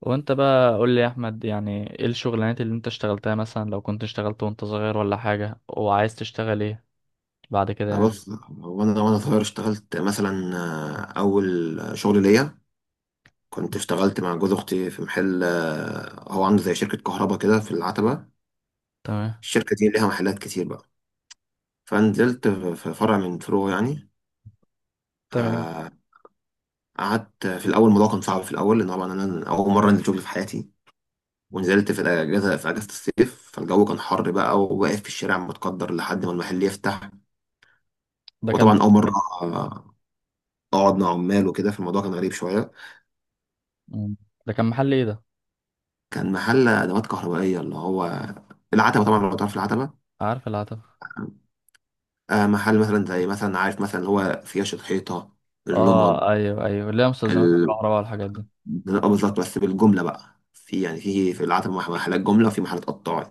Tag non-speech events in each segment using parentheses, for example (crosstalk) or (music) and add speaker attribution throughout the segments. Speaker 1: وانت بقى قول لي يا احمد، يعني ايه الشغلانات اللي انت اشتغلتها؟ مثلا لو كنت اشتغلت وانت صغير ولا حاجة، وعايز تشتغل ايه بعد كده يعني.
Speaker 2: بص هو انا وانا صغير اشتغلت مثلا اول شغل ليا كنت اشتغلت مع جوز اختي في محل، هو عنده زي شركه كهرباء كده في العتبه.
Speaker 1: تمام.
Speaker 2: الشركه دي ليها محلات كتير بقى، فنزلت في فرع من فروعه يعني.
Speaker 1: تمام.
Speaker 2: آه، قعدت في الاول، الموضوع كان صعب في الاول لان طبعا انا اول مره انزل شغل في حياتي، ونزلت في الاجازه، في اجازه الصيف، فالجو كان حر بقى وواقف في الشارع متقدر لحد ما المحل يفتح.
Speaker 1: ده كان.
Speaker 2: وطبعا اول مره آه، اقعد مع عمال وكده، فالموضوع كان غريب شويه.
Speaker 1: مم. ده كان محل ايه ده؟
Speaker 2: كان محل ادوات كهربائيه، اللي هو العتبه طبعا، لو تعرف العتبه.
Speaker 1: عارف العتبة.
Speaker 2: آه محل مثلا زي مثلا عارف مثلا اللي هو فياش الحيطه، اللمض،
Speaker 1: اه ايوه ايوه، اللي هي مستلزمات
Speaker 2: ال...
Speaker 1: الكهرباء والحاجات دي.
Speaker 2: آه بالظبط، بس بالجمله بقى، في يعني في العتبه محلات جمله وفي محلات قطاعي.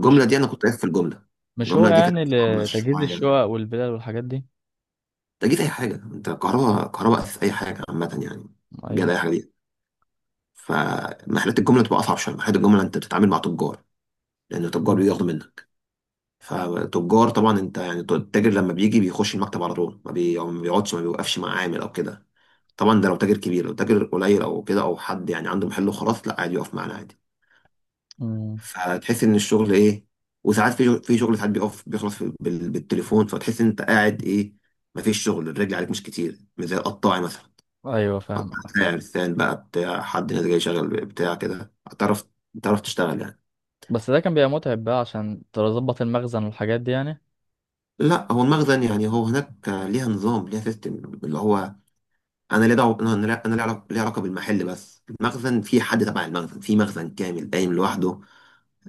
Speaker 1: مش
Speaker 2: دي انا كنت واقف في الجمله.
Speaker 1: مش هو
Speaker 2: الجمله دي كانت
Speaker 1: يعني
Speaker 2: عامله
Speaker 1: لتجهيز
Speaker 2: شويه،
Speaker 1: الشقق والبلال والحاجات دي؟
Speaker 2: انت جيت اي حاجه، انت كهرباء، كهرباء اساس، اي حاجه عامه يعني، جاد
Speaker 1: ايوه.
Speaker 2: اي حاجه دي. فمحلات الجمله بتبقى اصعب شويه، محلات الجمله انت بتتعامل مع تجار، لان التجار
Speaker 1: مم.
Speaker 2: بياخدوا منك. فتجار طبعا انت يعني التاجر لما بيجي بيخش المكتب على طول، ما بي- أو ما بيقعدش ما بيوقفش مع عامل او كده. طبعا ده لو تاجر كبير، لو تاجر قليل او كده او حد يعني عنده محل وخلاص لا عادي يقف معانا عادي.
Speaker 1: مم.
Speaker 2: فتحس ان الشغل ايه، وساعات في شغل ساعات بيقف بيخلص بالتليفون، فتحس ان انت قاعد ايه، ما فيش شغل، الرجل عليك مش كتير، مش زي القطاعي مثلا.
Speaker 1: ايوه فاهم.
Speaker 2: قطاع ساعة لسان بقى بتاع حد، ناس جاي شغال بتاع كده، هتعرف تعرف تشتغل يعني.
Speaker 1: بس ده كان بيبقى متعب بقى عشان تظبط المخزن والحاجات دي يعني؟
Speaker 2: لا هو المخزن يعني هو هناك ليها نظام، ليها سيستم اللي هو انا ليه دعوه، انا لا- انا ليه علاقه بالمحل، بس المخزن في حد تبع المخزن، في مخزن كامل قايم لوحده،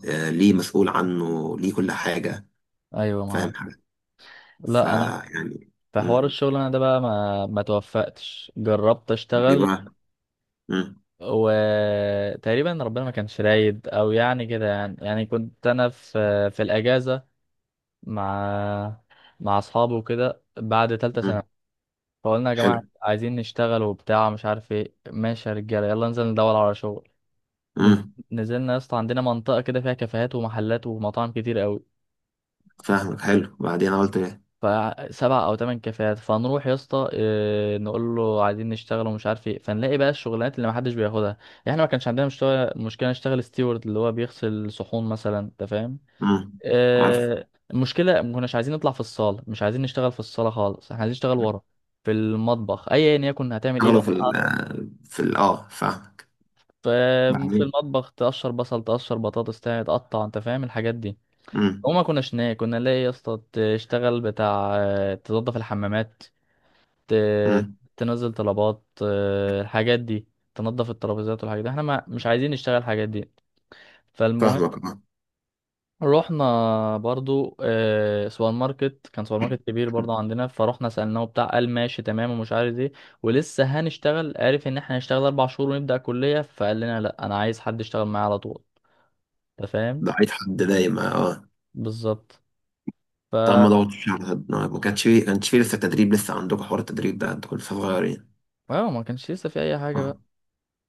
Speaker 2: ليه مسؤول عنه، ليه كل حاجه.
Speaker 1: ايوه
Speaker 2: فاهم
Speaker 1: معاك.
Speaker 2: حاجه؟
Speaker 1: لا انا،
Speaker 2: فيعني.
Speaker 1: في حوار
Speaker 2: مم.
Speaker 1: الشغل انا ده بقى ما توفقتش، جربت
Speaker 2: دي
Speaker 1: اشتغل.
Speaker 2: بقى. مم.
Speaker 1: وتقريبا ربنا ما كانش رايد او يعني كده يعني كنت انا في الاجازه مع مع اصحابي وكده بعد ثالثه
Speaker 2: مم.
Speaker 1: سنه. فقلنا يا
Speaker 2: حلو.
Speaker 1: جماعه عايزين نشتغل وبتاع مش عارف ايه، ماشي يا رجاله يلا ننزل ندور على شغل. نز-
Speaker 2: مم.
Speaker 1: نزلنا يا اسطى، عندنا منطقه كده فيها كافيهات ومحلات ومطاعم كتير قوي.
Speaker 2: فاهمك. حلو. بعدين انا قلت ايه؟
Speaker 1: ف7 أو 8 كافيهات، فنروح يا اسطى، نقول له عايزين نشتغل ومش عارف ايه، فنلاقي بقى الشغلانات اللي ما حدش بياخدها يعني. احنا ما كانش عندنا مشتغل مشكله، نشتغل ستيورد اللي هو بيغسل صحون مثلا، انت فاهم.
Speaker 2: مم. عارف.
Speaker 1: المشكله ما كناش عايزين نطلع في الصاله، مش عايزين نشتغل في الصاله خالص، احنا عايزين نشتغل ورا في المطبخ، ايا يكن هتعمل ايه
Speaker 2: شغله في ال
Speaker 1: بقى.
Speaker 2: في ال اه، فاهمك.
Speaker 1: ف- في
Speaker 2: بعدين.
Speaker 1: المطبخ تقشر بصل، تقشر بطاطس، تقطع، انت فاهم الحاجات دي.
Speaker 2: مم.
Speaker 1: وما كناش ناكل، كنا نلاقي يا اسطى تشتغل بتاع، تنظف الحمامات، ت-
Speaker 2: مم.
Speaker 1: تنزل طلبات، الحاجات دي، تنظف الترابيزات والحاجات دي، احنا ما مش عايزين نشتغل الحاجات دي. فالمهم
Speaker 2: فاهمك اه.
Speaker 1: رحنا برضو سوبر ماركت، كان سوبر ماركت كبير برضو عندنا، فرحنا سألناه بتاع، قال ماشي تمام ومش عارف ايه، ولسه هنشتغل، عارف ان احنا هنشتغل 4 شهور ونبدأ كلية، فقال لنا لا انا عايز حد يشتغل معايا على طول، انت فاهم.
Speaker 2: ضعيف حد دايما اه.
Speaker 1: بالظبط. ف،
Speaker 2: طب ما ضغطتش على حد، ما كانش فيه كانش فيه لسه تدريب، لسه عندكم حوار التدريب ده؟ انتوا كنتوا لسه صغيرين.
Speaker 1: اه، ما كانش لسه في اي حاجة
Speaker 2: اه.
Speaker 1: بقى.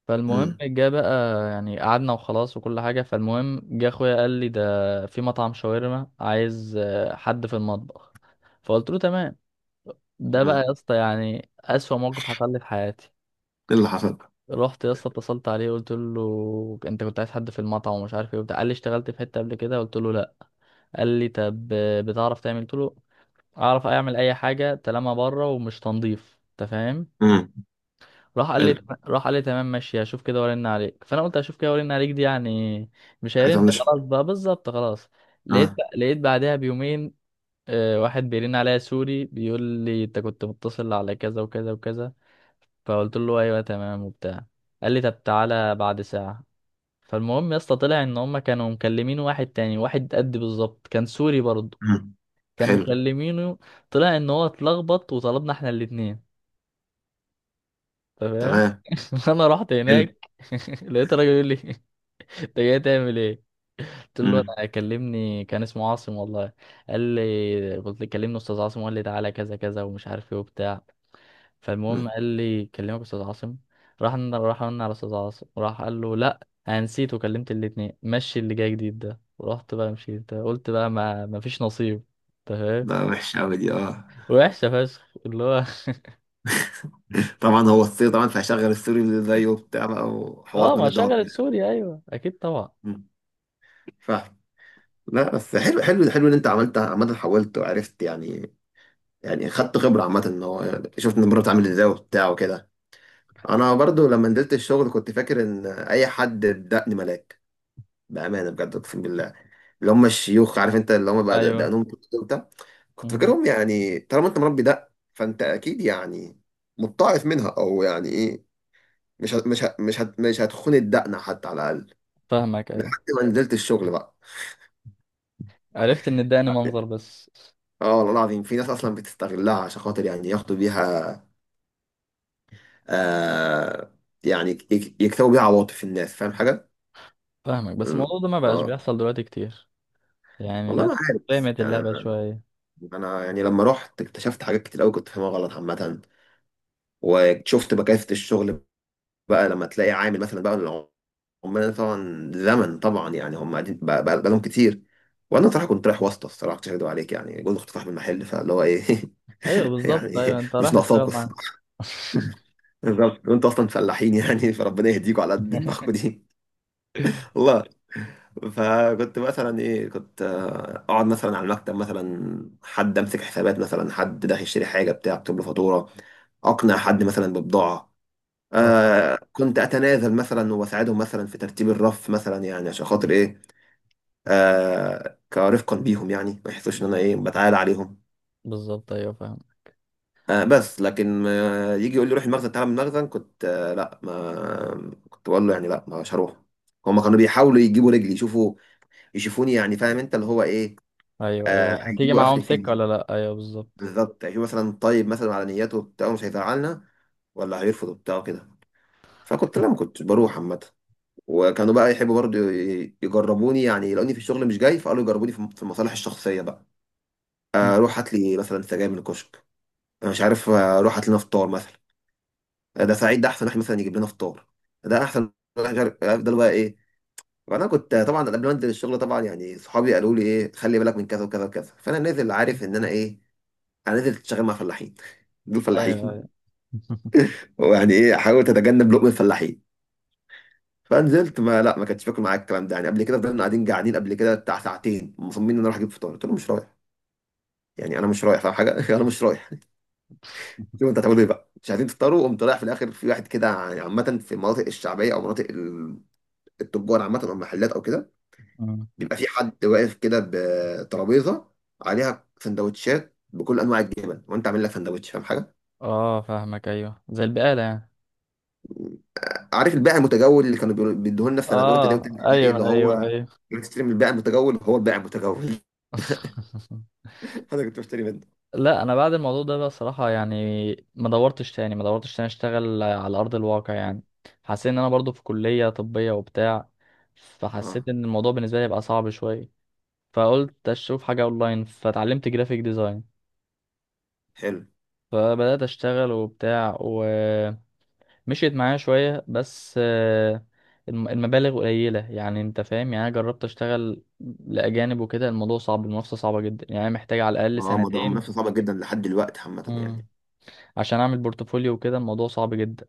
Speaker 1: فالمهم
Speaker 2: امم.
Speaker 1: جه بقى يعني، قعدنا وخلاص وكل حاجة، فالمهم جه اخويا قال لي ده في مطعم شاورما عايز حد في المطبخ. فقلت له تمام. ده بقى
Speaker 2: امم.
Speaker 1: يا اسطى يعني أسوأ موقف حصل لي في حياتي.
Speaker 2: ايه اللي حصل بقى؟
Speaker 1: رحت يا اسطى، اتصلت عليه، قلت له انت كنت عايز حد في المطعم ومش عارف ايه وبتاع، قال لي اشتغلت في حتة قبل كده، قلت له لا. قال لي طب بتعرف تعمل؟ قلت له اعرف اعمل اي حاجة طالما بره ومش تنظيف، انت فاهم.
Speaker 2: امم.
Speaker 1: راح قال
Speaker 2: حلو.
Speaker 1: لي راح قال لي تمام ماشي، هشوف كده وارن عليك، فانا قلت هشوف كده وارن عليك دي يعني مش
Speaker 2: حاجة
Speaker 1: هيرن،
Speaker 2: طنشها.
Speaker 1: خلاص بقى، بالظبط خلاص.
Speaker 2: اه.
Speaker 1: لقيت بعدها بيومين واحد بيرن عليا سوري بيقول لي انت كنت متصل على كذا وكذا وكذا. فقلت له ايوه تمام وبتاع. قال لي طب تعالى بعد ساعة. فالمهم يا اسطى طلع ان هم كانوا مكلمين واحد تاني، واحد قد بالظبط، كان سوري برضه.
Speaker 2: امم.
Speaker 1: كانوا
Speaker 2: حلو.
Speaker 1: مكلمينه. طلع ان هو اتلخبط، وطلبنا احنا الاتنين. تمام.
Speaker 2: تمام.
Speaker 1: (laughs) انا رحت
Speaker 2: حلو.
Speaker 1: هناك. (laughs) لقيت راجل يقول لي انت جاي تعمل ايه؟ قلت له
Speaker 2: امم.
Speaker 1: انا كلمني كان اسمه عاصم والله. قال لي، قلت له كلمني استاذ عاصم، وقال لي تعالى كذا كذا ومش عارف ايه وبتاع. فالمهم
Speaker 2: امم.
Speaker 1: قال لي كلمك استاذ عاصم. راح قلنا على استاذ عاصم، راح قال له لا انا نسيت وكلمت الاتنين، مشي اللي جاي جديد ده، ورحت بقى، مشيت، قلت بقى ما فيش نصيب. تمام.
Speaker 2: ده وحش قوي دي اه (laughs)
Speaker 1: وحشه فشخ اللي هو.
Speaker 2: طبعا هو السوري، طبعا فهشغل السوري اللي زيه وبتاع بقى،
Speaker 1: (laughs) اه،
Speaker 2: وحوارات
Speaker 1: ما
Speaker 2: مالوش دعوة
Speaker 1: شغلت
Speaker 2: بيها.
Speaker 1: سوريا، ايوه اكيد طبعا.
Speaker 2: أمم، فاهم. لا بس حلو حلو حلو ان انت عملت، عامة حاولت وعرفت يعني، يعني خدت خبرة عامة، ان هو يعني شفت ان المرة بتعمل ازاي وبتاع وكده. انا برضو لما نزلت الشغل كنت فاكر ان اي حد بدقني ملاك، بأمانة بجد اقسم بالله. اللي هم الشيوخ عارف انت، اللي هم بقى
Speaker 1: ايوه.
Speaker 2: دقنهم كتير وبتاع، كنت
Speaker 1: مم.
Speaker 2: فاكرهم يعني طالما انت مربي دق فانت اكيد يعني متطعف منها او يعني ايه، مش هتخون الدقنه حتى على الاقل،
Speaker 1: فاهمك ايوه.
Speaker 2: لحد ما نزلت الشغل بقى.
Speaker 1: عرفت ان اداني منظر بس.
Speaker 2: اه والله العظيم في ناس اصلا بتستغلها عشان خاطر يعني ياخدوا بيها، آه يعني يكسبوا بيها عواطف الناس. فاهم حاجه؟
Speaker 1: فاهمك، بس
Speaker 2: ال-
Speaker 1: الموضوع ده ما بقاش
Speaker 2: اه.
Speaker 1: بيحصل دلوقتي كتير. يعني
Speaker 2: والله
Speaker 1: الناس
Speaker 2: ما عارف، بس
Speaker 1: فهمت
Speaker 2: يعني
Speaker 1: اللعبة
Speaker 2: انا،
Speaker 1: شوية.
Speaker 2: أنا يعني لما رحت اكتشفت حاجات كتير قوي كنت فاهمها غلط عامه، وشفت بكافه الشغل بقى لما تلاقي عامل مثلا بقى، عمال طبعا زمن طبعا يعني هم قاعدين بقى، بقالهم كتير. وانا صراحه كنت رايح واسطه، الصراحه مش هكدب عليك يعني، جوز كنت صاحب المحل، فاللي هو ايه
Speaker 1: ايوه
Speaker 2: (laughs)
Speaker 1: بالظبط،
Speaker 2: يعني
Speaker 1: ايوه انت
Speaker 2: مش
Speaker 1: رايح تشتغل
Speaker 2: ناقصاكوا
Speaker 1: معاه.
Speaker 2: الصراحه،
Speaker 1: (laughs)
Speaker 2: بالظبط (laughs) وانتوا اصلا فلاحين يعني، فربنا يهديكوا على قد دماغكوا دي (laughs) والله. فكنت مثلا ايه كنت اقعد مثلا على المكتب مثلا، حد امسك حسابات، مثلا حد داخل يشتري حاجه بتاع اكتب له فاتوره، اقنع حد مثلا ببضاعه.
Speaker 1: اه
Speaker 2: آه كنت اتنازل مثلا واساعدهم مثلا في ترتيب الرف مثلا، يعني عشان خاطر ايه، آه كرفقا بيهم يعني ما يحسوش ان انا ايه بتعالى عليهم.
Speaker 1: بالظبط، ايوه فاهم.
Speaker 2: آه بس لكن آه يجي يقول لي روح المخزن تعالى من المخزن، كنت آه لا، ما كنت بقول له يعني لا مش هروح. هما كانوا بيحاولوا يجيبوا رجلي، يشوفوا يشوفوني يعني فاهم انت اللي هو ايه،
Speaker 1: ايوه
Speaker 2: آه
Speaker 1: ايوه، هتيجي
Speaker 2: هيجيبوا
Speaker 1: معاهم
Speaker 2: اخري
Speaker 1: سكة
Speaker 2: فين،
Speaker 1: ولا لا، ايوه بالظبط.
Speaker 2: بالظبط، يشوفوا مثلا طيب مثلا على نياته بتاعه مش هيزعلنا ولا هيرفض بتاعه كده. فكنت لا، ما كنتش بروح عامة. وكانوا بقى يحبوا برضو يجربوني يعني لاني في الشغل مش جاي، فقالوا يجربوني في المصالح الشخصيه بقى.
Speaker 1: مم.
Speaker 2: روح هات لي مثلا سجاير من الكشك، انا مش عارف، روح هات لنا فطار مثلا، ده سعيد ده احسن واحد مثلا يجيب لنا فطار، ده احسن واحد مش عارف افضل بقى ايه. فانا كنت طبعا قبل ما انزل الشغل طبعا يعني صحابي قالوا لي ايه خلي بالك من كذا وكذا وكذا، فانا نازل عارف ان انا ايه، انا نازل شغال مع فلاحين (laughs) دول
Speaker 1: ايوه
Speaker 2: فلاحين.
Speaker 1: ايوه. (laughs)
Speaker 2: ويعني ايه، حاول تتجنب لقمه الفلاحين. فنزلت ما لا ما كانتش فاكر معاك الكلام ده يعني، قبل كده فضلنا قاعدين قاعدين قبل كده بتاع ساعتين مصممين ان انا رايح اجيب فطار، قلت له مش رايح، يعني انا مش رايح فاهم حاجه (laughs) انا مش رايح (laughs) شوف انت هتعملوا ايه بقى، مش عايزين تفطروا. قمت رايح في الاخر في واحد كده يعني، عامه في المناطق الشعبيه او مناطق التجار عامه، او المحلات او كده،
Speaker 1: مم.
Speaker 2: بيبقى في حد واقف كده بترابيزه عليها سندوتشات بكل انواع الجبن، وانت عامل لك سندوتش، فاهم حاجه؟
Speaker 1: اه فاهمك ايوه، زي البقالة يعني.
Speaker 2: عارف البائع المتجول اللي كانوا بيدوه لنا في سنه اولى ابتدائي
Speaker 1: اه
Speaker 2: وثانيه ابتدائي، اللي
Speaker 1: ايوه ايوه
Speaker 2: هو
Speaker 1: ايوه.
Speaker 2: بتشتري من البائع المتجول، هو البائع المتجول (laughs)
Speaker 1: (laughs)
Speaker 2: انا كنت بشتري
Speaker 1: لا انا بعد الموضوع ده بقى صراحة يعني، ما دورتش تاني اشتغل على ارض الواقع
Speaker 2: منه.
Speaker 1: يعني. حسيت ان انا برضو في كلية طبية وبتاع،
Speaker 2: اه
Speaker 1: فحسيت ان الموضوع بالنسبة لي بقى صعب شوية. فقلت اشوف حاجة اونلاين، فتعلمت جرافيك ديزاين.
Speaker 2: حلو.
Speaker 1: فبدأت اشتغل وبتاع ومشيت معايا شوية، بس المبالغ قليلة، يعني انت فاهم، يعني انا جربت اشتغل لأجانب وكده، الموضوع صعب، المنافسة صعبة جدا، يعني محتاج على الأقل
Speaker 2: ما هو موضوع
Speaker 1: سنتين
Speaker 2: منافسة صعبة جدا لحد دلوقتي عامة يعني.
Speaker 1: عشان اعمل بورتفوليو وكده، الموضوع صعب جدا،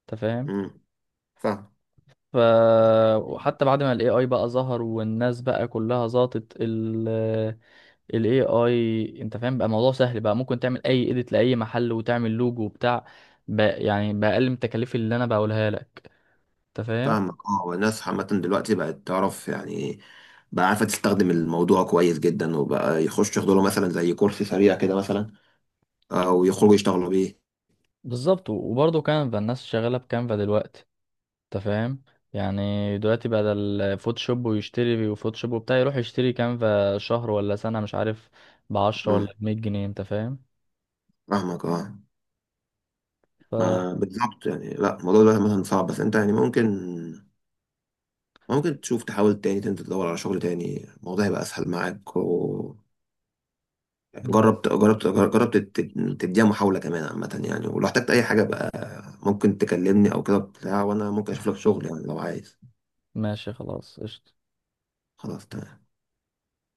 Speaker 1: انت فاهم.
Speaker 2: امم. فاهم.
Speaker 1: ف، وحتى بعد ما الاي اي بقى ظهر والناس بقى كلها ظبطت الاي اي، انت فاهم، بقى الموضوع سهل بقى، ممكن تعمل اي اديت لاي محل وتعمل لوجو وبتاع بقى، يعني باقل من التكاليف اللي انا بقولها لك، انت فاهم.
Speaker 2: فاهمك اه. الناس عامة دلوقتي بقت تعرف يعني، بقى عارفة تستخدم الموضوع كويس جدا، وبقى يخش ياخدوا له مثلا زي كورس سريع كده مثلا، او يخرجوا يشتغلوا بيه.
Speaker 1: بالظبط، وبرضه كانفا، الناس شغاله بكانفا دلوقتي، انت فاهم. يعني دلوقتي بدل فوتوشوب ويشتري وفوتوشوب وبتاع، يروح يشتري كانفا شهر ولا سنه مش عارف، بعشرة
Speaker 2: امم.
Speaker 1: ولا ب100 جنيه، انت فاهم.
Speaker 2: فاهمك اه.
Speaker 1: ف،
Speaker 2: ما بالظبط يعني، لا الموضوع ده مثلا صعب، بس انت يعني ممكن ممكن تشوف تحاول تاني، تنزل تدور على شغل تاني، الموضوع هيبقى اسهل معاك و...
Speaker 1: مم.
Speaker 2: جربت جربت جربت. تديها محاولة كمان عامة يعني، ولو احتجت أي حاجة بقى ممكن تكلمني أو كده بتاع، وأنا ممكن أشوف لك شغل يعني لو عايز.
Speaker 1: ماشي خلاص قشطة.
Speaker 2: خلاص تمام.